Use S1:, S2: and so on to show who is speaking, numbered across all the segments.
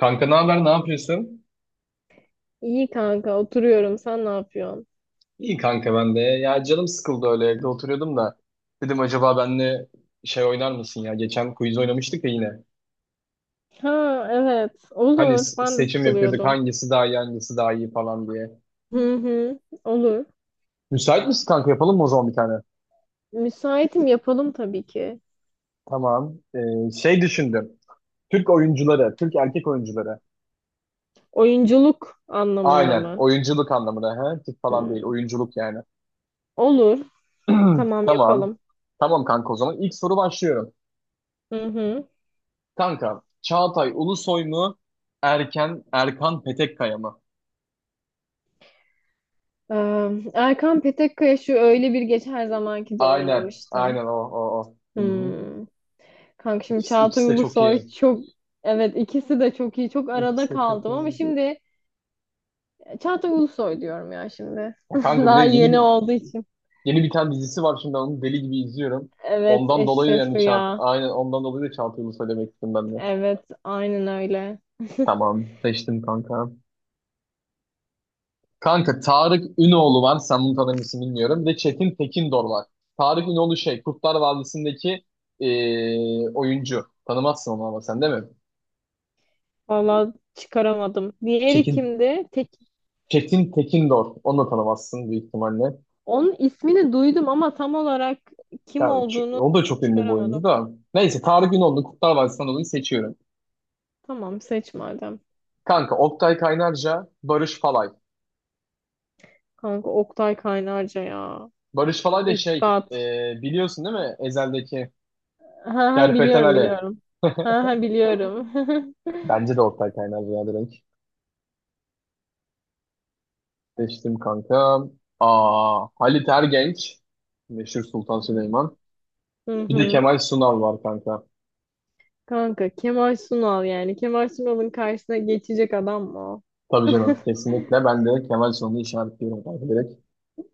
S1: Kanka ne haber, ne yapıyorsun?
S2: İyi kanka oturuyorum. Sen ne yapıyorsun?
S1: İyi kanka ben de. Ya canım sıkıldı öyle evde oturuyordum da. Dedim acaba benle şey oynar mısın ya? Geçen quiz oynamıştık ya yine.
S2: Ha evet
S1: Hani
S2: olur. Ben de
S1: seçim yapıyorduk
S2: sıkılıyordum.
S1: hangisi daha iyi hangisi daha iyi falan diye.
S2: Hı hı olur.
S1: Müsait misin kanka yapalım mı o zaman bir tane?
S2: Müsaitim yapalım tabii ki.
S1: Tamam. Şey düşündüm. Türk oyuncuları, Türk erkek oyuncuları.
S2: Oyunculuk anlamında
S1: Aynen
S2: mı?
S1: oyunculuk anlamında. He? Türk falan değil
S2: Hmm.
S1: oyunculuk yani.
S2: Olur. Tamam
S1: Tamam.
S2: yapalım.
S1: Tamam kanka o zaman İlk soru başlıyorum.
S2: Hı hı.
S1: Kanka, Çağatay Ulusoy mu? Erkan Petekkaya mı?
S2: Erkan Petekkaya şu Öyle Bir Gece Her Zamanki de
S1: Aynen,
S2: oynamıştı.
S1: aynen o. Hı hı.
S2: Hmm. Kanka şimdi
S1: İkisi,
S2: Çağatay
S1: ikisi de çok
S2: Ulusoy
S1: iyi.
S2: çok evet ikisi de çok iyi. Çok arada
S1: İkisi de çok
S2: kaldım ama
S1: iyi.
S2: şimdi Çağatay Ulusoy diyorum ya şimdi.
S1: Ya kanka bir de
S2: Daha yeni olduğu için.
S1: yeni bir tane dizisi var şimdi ben onu deli gibi izliyorum.
S2: Evet,
S1: Ondan dolayı da
S2: Eşref
S1: yani Çağatay,
S2: Rüya.
S1: aynen ondan dolayı da Çağatay Ulusoy demek istedim ben de.
S2: Evet, aynen öyle.
S1: Tamam, seçtim kanka. Kanka Tarık Ünoğlu var. Sen bunu tanır mısın bilmiyorum. Bir de Çetin Tekindor var. Tarık Ünoğlu şey Kurtlar Vadisi'ndeki oyuncu. Tanımazsın onu ama sen değil mi?
S2: Vallahi çıkaramadım. Diğeri
S1: Çetin.
S2: kimdi? Tek
S1: Çetin Tekindor. Onu da tanımazsın büyük ihtimalle.
S2: onun ismini duydum ama tam olarak
S1: Ya,
S2: kim olduğunu
S1: o da çok ünlü bir oyuncu
S2: çıkaramadım.
S1: da. Neyse Tarık Ünoğlu Kurtlar Vadisi'nden dolayı seçiyorum.
S2: Tamam, seç madem.
S1: Kanka Oktay Kaynarca, Barış Falay.
S2: Kanka Oktay Kaynarca ya.
S1: Barış Falay da şey
S2: Üstad.
S1: eee, biliyorsun değil mi? Ezel'deki
S2: Ha ha
S1: Kerpeten
S2: biliyorum
S1: Ali.
S2: biliyorum. Ha ha biliyorum.
S1: Bence de Oktay Kaynarca ya direkt. Seçtim kanka. Aa, Halit Ergenç. Meşhur Sultan Süleyman.
S2: Hı
S1: Bir de
S2: hı.
S1: Kemal Sunal var kanka.
S2: Kanka Kemal Sunal yani. Kemal Sunal'ın karşısına geçecek adam mı o?
S1: Tabii canım. Kesinlikle ben de Kemal Sunal'ı işaretliyorum kanka direkt.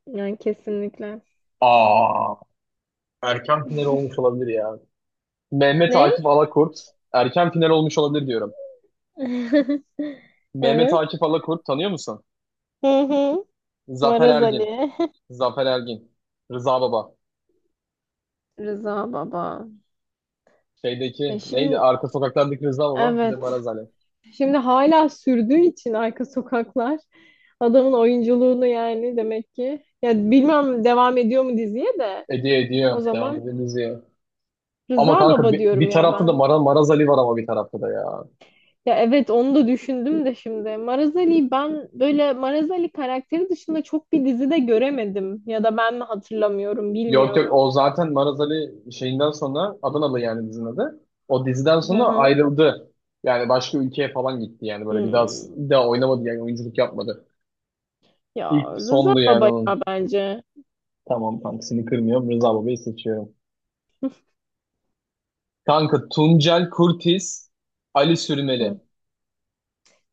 S2: Yani kesinlikle.
S1: Aa, erken final olmuş olabilir ya. Mehmet
S2: Ne?
S1: Akif Alakurt. Erken final olmuş olabilir diyorum. Mehmet
S2: Evet.
S1: Akif Alakurt tanıyor musun?
S2: Hı hı.
S1: Zafer
S2: Maraz
S1: Ergin.
S2: Ali.
S1: Zafer Ergin. Rıza Baba.
S2: Rıza Baba. Ya
S1: Şeydeki neydi?
S2: şimdi
S1: Arka sokaklardaki Rıza Baba. Bir de
S2: evet.
S1: Maraz Ali.
S2: Şimdi hala sürdüğü için arka sokaklar adamın oyunculuğunu yani demek ki. Ya bilmem devam ediyor mu diziye de
S1: Ediyor
S2: o
S1: ediyor. Devam
S2: zaman
S1: edelim. Ama
S2: Rıza
S1: kanka
S2: Baba
S1: bir,
S2: diyorum
S1: bir
S2: ya
S1: tarafta da
S2: ben.
S1: Maraz Ali var ama bir tarafta da ya.
S2: Ya evet onu da düşündüm de şimdi. Maraz Ali'yi ben böyle Maraz Ali karakteri dışında çok bir dizide göremedim. Ya da ben mi hatırlamıyorum
S1: Yok yok
S2: bilmiyorum.
S1: o zaten Maraz Ali şeyinden sonra Adanalı yani dizinin adı. O diziden
S2: Hı
S1: sonra
S2: hı.
S1: ayrıldı. Yani başka ülkeye falan gitti yani böyle
S2: Hmm.
S1: bir daha oynamadı yani oyunculuk yapmadı.
S2: Ya
S1: İlk
S2: Rıza
S1: sondu yani
S2: Baba ya
S1: onun.
S2: bence.
S1: Tamam kanka seni kırmıyorum Rıza Baba'yı seçiyorum. Kanka Tuncel Kurtiz, Ali Sürmeli.
S2: Hı,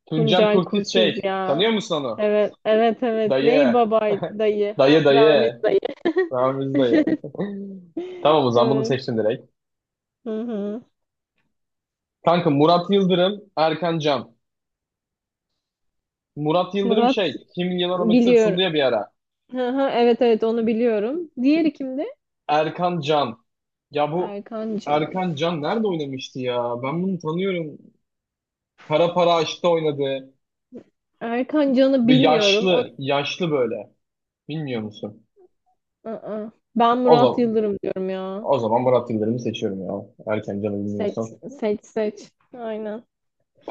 S1: Tuncel
S2: Tuncel
S1: Kurtiz
S2: Kurtiz
S1: şey
S2: ya.
S1: tanıyor musun onu?
S2: Evet, evet, evet. Ney
S1: Dayı,
S2: babay dayı? Ha, Ramiz
S1: dayı.
S2: dayı.
S1: Ramiz dayı. Tamam o zaman bunu
S2: Evet.
S1: seçtim direkt.
S2: Hı hı.
S1: Kanka Murat Yıldırım, Erkan Can. Murat Yıldırım
S2: Murat
S1: şey, Kim Milyoner Olmak İster sundu
S2: biliyorum.
S1: ya bir ara.
S2: Hı hı, evet evet onu biliyorum. Diğeri kimdi?
S1: Erkan Can. Ya bu
S2: Erkan Can.
S1: Erkan Can nerede oynamıştı ya? Ben bunu tanıyorum. Kara Para Aşk'ta oynadı.
S2: Erkan Can'ı
S1: Bir
S2: bilmiyorum. O.
S1: yaşlı böyle. Bilmiyor musun?
S2: Aa, ben
S1: O
S2: Murat
S1: zaman,
S2: Yıldırım diyorum ya.
S1: O zaman Murat Yıldırım'ı seçiyorum ya. Erkan Can'ı
S2: Seç
S1: bilmiyorsam.
S2: seç seç. Aynen.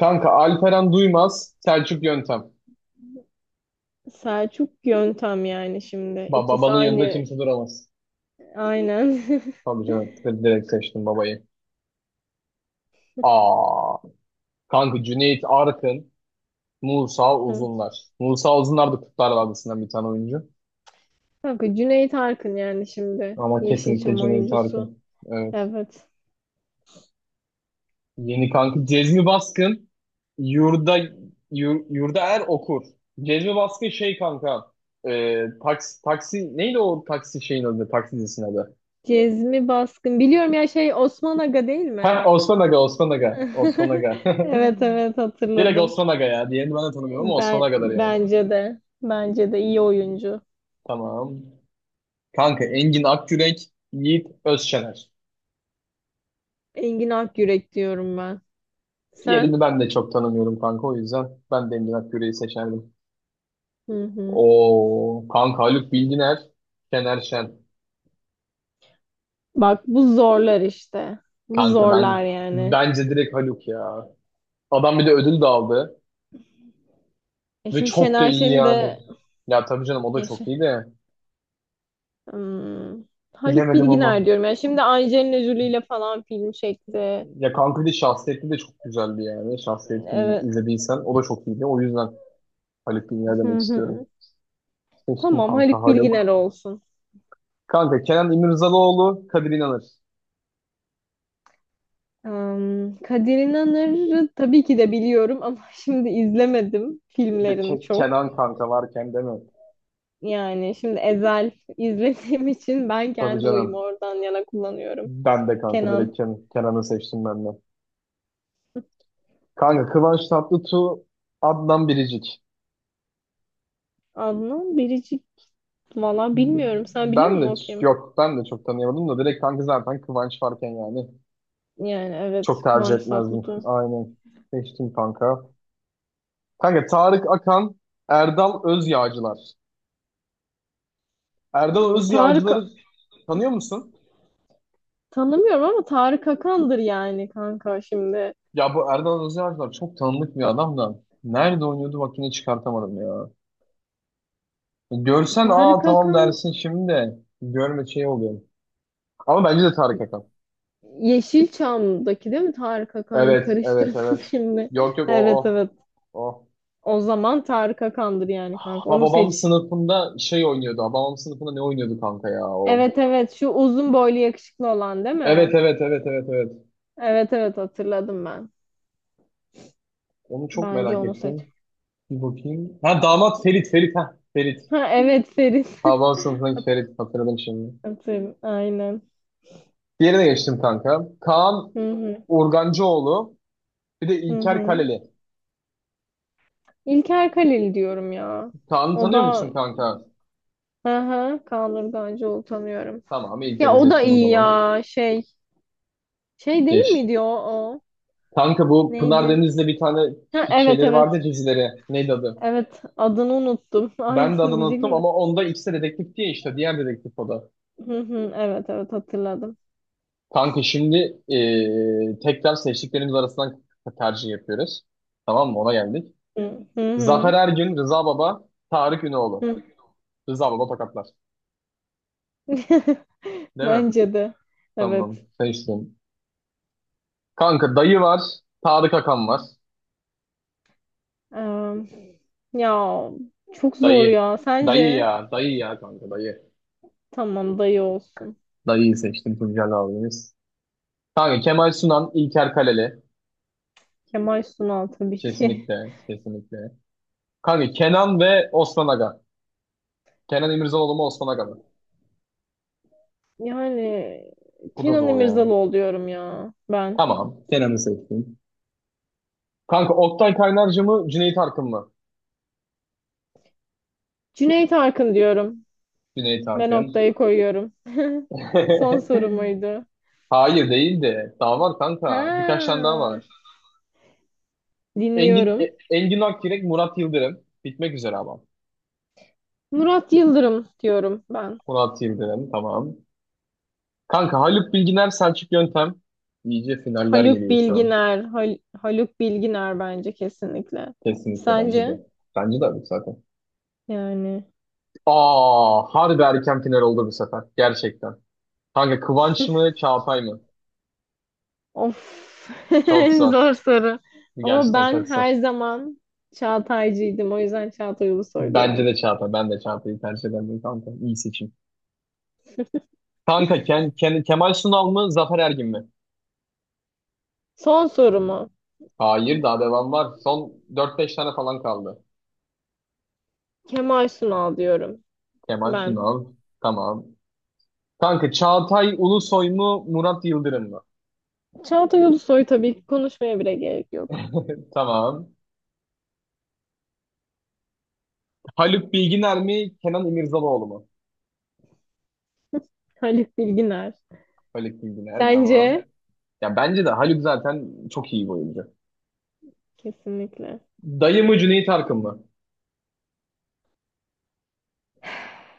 S1: Kanka Alperen Duymaz, Selçuk Yöntem.
S2: Selçuk Yöntem yani şimdi. İkisi
S1: Babanın yanında
S2: aynı.
S1: kimse duramaz.
S2: Aynen.
S1: Tabii canım, direkt seçtim babayı. Aa, kanka Cüneyt Arkın. Musa Uzunlar. Musa Uzunlar da Kurtlar Vadisi'nden bir tane oyuncu.
S2: Kanka Cüneyt Arkın yani şimdi.
S1: Ama kesinlikle
S2: Yeşilçam
S1: Cüneyt
S2: oyuncusu.
S1: Arkın. Evet.
S2: Evet.
S1: Yeni kanka Cezmi Baskın Yurda Yurda Er okur. Cezmi Baskın şey kanka taksi neydi o taksi şeyin adı taksi dizisinin adı.
S2: Cezmi Baskın. Biliyorum ya şey Osman Aga değil
S1: Ha
S2: mi?
S1: Osman Aga.
S2: Evet evet
S1: Direkt
S2: hatırladım.
S1: Osman Aga ya. Diğerini ben de tanımıyorum ama Osman
S2: Ben
S1: Aga'dır yani.
S2: bence de. Bence de iyi oyuncu.
S1: Tamam. Kanka Engin Akgürek Yiğit Özşener.
S2: Engin Akyürek diyorum ben. Sen?
S1: Diğerini ben de çok tanımıyorum kanka o yüzden ben de Emre Akgüre'yi seçerdim.
S2: Hı hı.
S1: O kanka Haluk Bilginer, Şener Şen.
S2: Bak bu zorlar işte. Bu
S1: Kanka
S2: zorlar yani.
S1: bence direkt Haluk ya. Adam bir de ödül de aldı
S2: E
S1: ve
S2: şimdi
S1: çok da
S2: Şener
S1: iyi
S2: Şen'i
S1: yani.
S2: de
S1: Ya tabii canım o da
S2: yaşa.
S1: çok iyi de
S2: Hmm. Haluk
S1: bilemedim ama.
S2: Bilginer diyorum. Yani şimdi Angelina Jolie ile falan film çekti.
S1: Ya kanka bir de şahsiyetli de çok güzeldi yani. Şahsiyetini
S2: Evet.
S1: izlediysen o da çok iyiydi. O yüzden Haluk Bilginer
S2: Hı
S1: demek
S2: hı.
S1: istiyorum. Seçtim
S2: Tamam
S1: kanka
S2: Haluk Bilginer
S1: Haluk.
S2: olsun.
S1: Kanka Kenan İmirzalıoğlu, Kadir İnanır.
S2: Kadir İnanır'ı tabii ki de biliyorum ama şimdi izlemedim
S1: Bir de
S2: filmlerini çok.
S1: Kenan kanka varken değil mi?
S2: Yani şimdi Ezel izlediğim için ben
S1: Tabii
S2: kendi oyumu
S1: canım.
S2: oradan yana kullanıyorum.
S1: Ben de kanka
S2: Kenan,
S1: direkt Kenan'ı seçtim ben de. Kanka Kıvanç Tatlıtuğ, Adnan Biricik.
S2: Adnan, Biricik valla bilmiyorum. Sen biliyor
S1: Ben
S2: musun
S1: de
S2: o kim?
S1: Yok ben de çok tanıyamadım da direkt kanka zaten Kıvanç varken yani
S2: Yani evet
S1: çok tercih
S2: Kıvanç
S1: etmezdim.
S2: Tatlıtuğ.
S1: Aynen seçtim kanka. Kanka Tarık Akan, Erdal Özyağcılar. Erdal
S2: Tarık
S1: Özyağcıları tanıyor musun?
S2: tanımıyorum ama Tarık Akan'dır yani kanka şimdi.
S1: Ya bu Erdal Özyağcılar çok tanınık bir adam da. Nerede oynuyordu bak yine çıkartamadım ya. Görsen aa
S2: Tarık
S1: tamam
S2: Akan
S1: dersin şimdi de görme şey oluyor. Ama bence de Tarık Akan.
S2: Yeşilçam'daki değil mi Tarık Akan? Karıştırdım
S1: Evet.
S2: şimdi.
S1: Yok yok
S2: Evet
S1: o.
S2: evet.
S1: O.
S2: O zaman Tarık Akan'dır yani kanka.
S1: Ha
S2: Onu
S1: babam
S2: seç.
S1: sınıfında şey oynuyordu. Ha, babam sınıfında ne oynuyordu kanka ya o.
S2: Evet evet şu uzun boylu yakışıklı olan değil mi?
S1: Evet.
S2: Evet evet hatırladım ben.
S1: Onu çok
S2: Bence
S1: merak
S2: onu seç.
S1: ettim. Bir bakayım. Ha damat Ferit ha. Ferit.
S2: Ha evet Ferit.
S1: Ha babam sınıfındaki Ferit hatırladım şimdi.
S2: Hatırladım. Aynen.
S1: Diğerine geçtim kanka. Kaan
S2: Hı hı.
S1: Urgancıoğlu. Bir de
S2: Hı
S1: İlker
S2: hı.
S1: Kaleli.
S2: İlker Kalil diyorum ya.
S1: Kaan'ı
S2: O
S1: tanıyor
S2: da
S1: musun kanka?
S2: hı hı Kaan tanıyorum.
S1: Tamam
S2: Ya
S1: İlker'i
S2: o da
S1: seçtim o
S2: iyi
S1: zaman.
S2: ya şey. Şey değil
S1: Geç.
S2: miydi o? O?
S1: Kanka bu Pınar
S2: Neydi?
S1: Deniz'le bir tane
S2: Ha, evet
S1: şeyleri
S2: evet.
S1: vardı ya, dizileri. Neydi adı?
S2: Evet adını unuttum.
S1: Ben de
S2: Aynısını
S1: adını unuttum
S2: diyecektim de.
S1: ama onda ikisi de dedektif diye işte. Diğer dedektif o da.
S2: Hı hı, evet evet hatırladım.
S1: Kanka şimdi tekrar seçtiklerimiz arasından tercih yapıyoruz. Tamam mı? Ona geldik.
S2: Hı hı.
S1: Zafer
S2: Hı.
S1: Ergün, Rıza Baba, Tarık Ünoğlu.
S2: Hı.
S1: Rıza Baba tokatlar. Değil mi?
S2: Bence de.
S1: Tamam.
S2: Evet.
S1: Seçtim. Kanka dayı var. Tarık Akan var.
S2: Em, ya çok zor
S1: Dayı.
S2: ya.
S1: Dayı
S2: Sence?
S1: ya. Dayı ya kanka dayı.
S2: Tamam dayı olsun.
S1: Dayıyı seçtim Tuncel abimiz. Kanka Kemal Sunan, İlker Kaleli.
S2: Kemal Sunal tabii ki.
S1: Kesinlikle, kesinlikle. Kanka Kenan ve Osman Aga. Kenan İmirzalıoğlu mu Osman Aga mı?
S2: Yani
S1: Bu da
S2: Kenan
S1: zor ya.
S2: İmirzalıoğlu diyorum ya ben.
S1: Tamam. Kenan'ı seçtim. Kanka Oktay Kaynarca mı Cüneyt Arkın mı?
S2: Cüneyt Arkın diyorum.
S1: Cüneyt
S2: Ben
S1: Arkın.
S2: noktayı koyuyorum. Son sorumuydu.
S1: Hayır değil de. Daha var kanka. Birkaç tane
S2: Ha,
S1: daha var.
S2: dinliyorum.
S1: Engin Akyürek, Murat Yıldırım. Bitmek üzere ama.
S2: Murat Yıldırım diyorum ben.
S1: Murat Yıldırım tamam. Kanka Haluk Bilginer, Selçuk Yöntem. İyice finaller
S2: Haluk
S1: geliyor şu an.
S2: Bilginer. Haluk Bilginer bence kesinlikle.
S1: Kesinlikle bence de.
S2: Sence?
S1: Bence de abi zaten.
S2: Yani.
S1: Aa, harbi erken final oldu bu sefer. Gerçekten. Kanka Kıvanç mı Çağatay mı?
S2: Of.
S1: Çok zor.
S2: Zor soru. Ama
S1: Gerçekten
S2: ben
S1: çok zor.
S2: her zaman Çağataycıydım. O yüzden Çağatay Ulusoy
S1: Bence
S2: diyorum.
S1: de Çağatay. Ben de Çağatay'ı tercih ederim kanka. İyi seçim. Kanka Kemal Sunal mı Zafer Ergin mi?
S2: Son sorumu.
S1: Hayır daha devam var. Son dört beş tane falan kaldı.
S2: Kemal Sunal diyorum
S1: Kemal
S2: ben.
S1: Sunal. Tamam. Kanka Çağatay Ulusoy mu Murat Yıldırım mı?
S2: Çağatay Ulusoy tabii ki konuşmaya bile gerek yok.
S1: Tamam. Haluk Bilginer mi Kenan İmirzalıoğlu mu?
S2: Haluk Bilginer.
S1: Haluk Bilginer
S2: Sence?
S1: tamam. Ya bence de Haluk zaten çok iyi bir oyuncu.
S2: Kesinlikle.
S1: Dayı mı Cüneyt Arkın mı?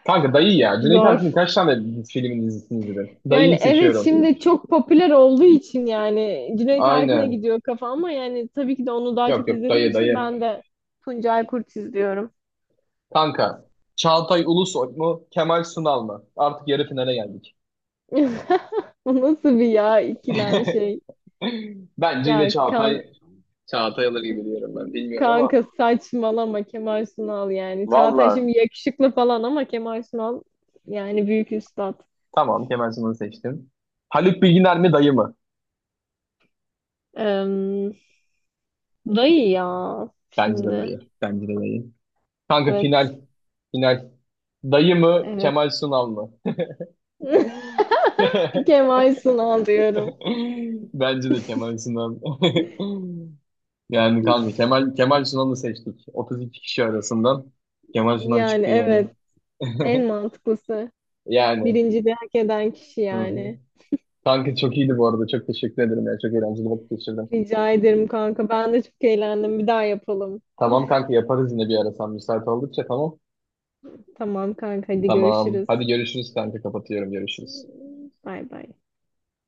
S1: Kanka dayı ya. Cüneyt
S2: Zor.
S1: Arkın kaç tane filmin dizisini izledin?
S2: Yani
S1: Dayıyı
S2: evet
S1: seçiyorum.
S2: şimdi çok popüler olduğu için yani Cüneyt Arkın'a
S1: Aynen.
S2: gidiyor kafa ama yani tabii ki de onu daha
S1: Yok
S2: çok
S1: yok
S2: izlediğim için
S1: dayı.
S2: ben de Tuncay Kurt izliyorum.
S1: Kanka Çağatay Ulusoy mu Kemal Sunal mı? Artık yarı finale geldik.
S2: Bu nasıl bir ya ikilem şey.
S1: Bence yine
S2: Ya kan
S1: Çağatay alır gibi diyorum ben. Bilmiyorum ama.
S2: kanka saçmalama Kemal Sunal yani. Çağatay
S1: Vallahi
S2: şimdi yakışıklı falan ama Kemal Sunal yani büyük üstad.
S1: tamam Kemal Sunal'ı seçtim. Haluk Bilginer mi dayı mı?
S2: Eee dayı ya şimdi.
S1: Bence de dayı. Kanka
S2: Evet.
S1: final. Final. Dayı mı
S2: Evet.
S1: Kemal Sunal mı?
S2: Kemal Sunal diyorum.
S1: Bence de Kemal Sinan. Yani kanka Kemal Sunan'ı seçtik. 32 kişi arasından Kemal Sunan
S2: Yani
S1: çıktı yani.
S2: evet. En mantıklısı.
S1: Yani.
S2: Birinci de hak eden kişi
S1: Hı hı.
S2: yani.
S1: Kanka çok iyiydi bu arada. Çok teşekkür ederim ya. Çok eğlenceli vakit geçirdim.
S2: Rica ederim kanka. Ben de çok eğlendim. Bir daha yapalım.
S1: Tamam kanka yaparız yine bir ara sen müsait oldukça tamam.
S2: Tamam kanka hadi
S1: Tamam.
S2: görüşürüz.
S1: Hadi görüşürüz kanka kapatıyorum görüşürüz.
S2: Bay bay.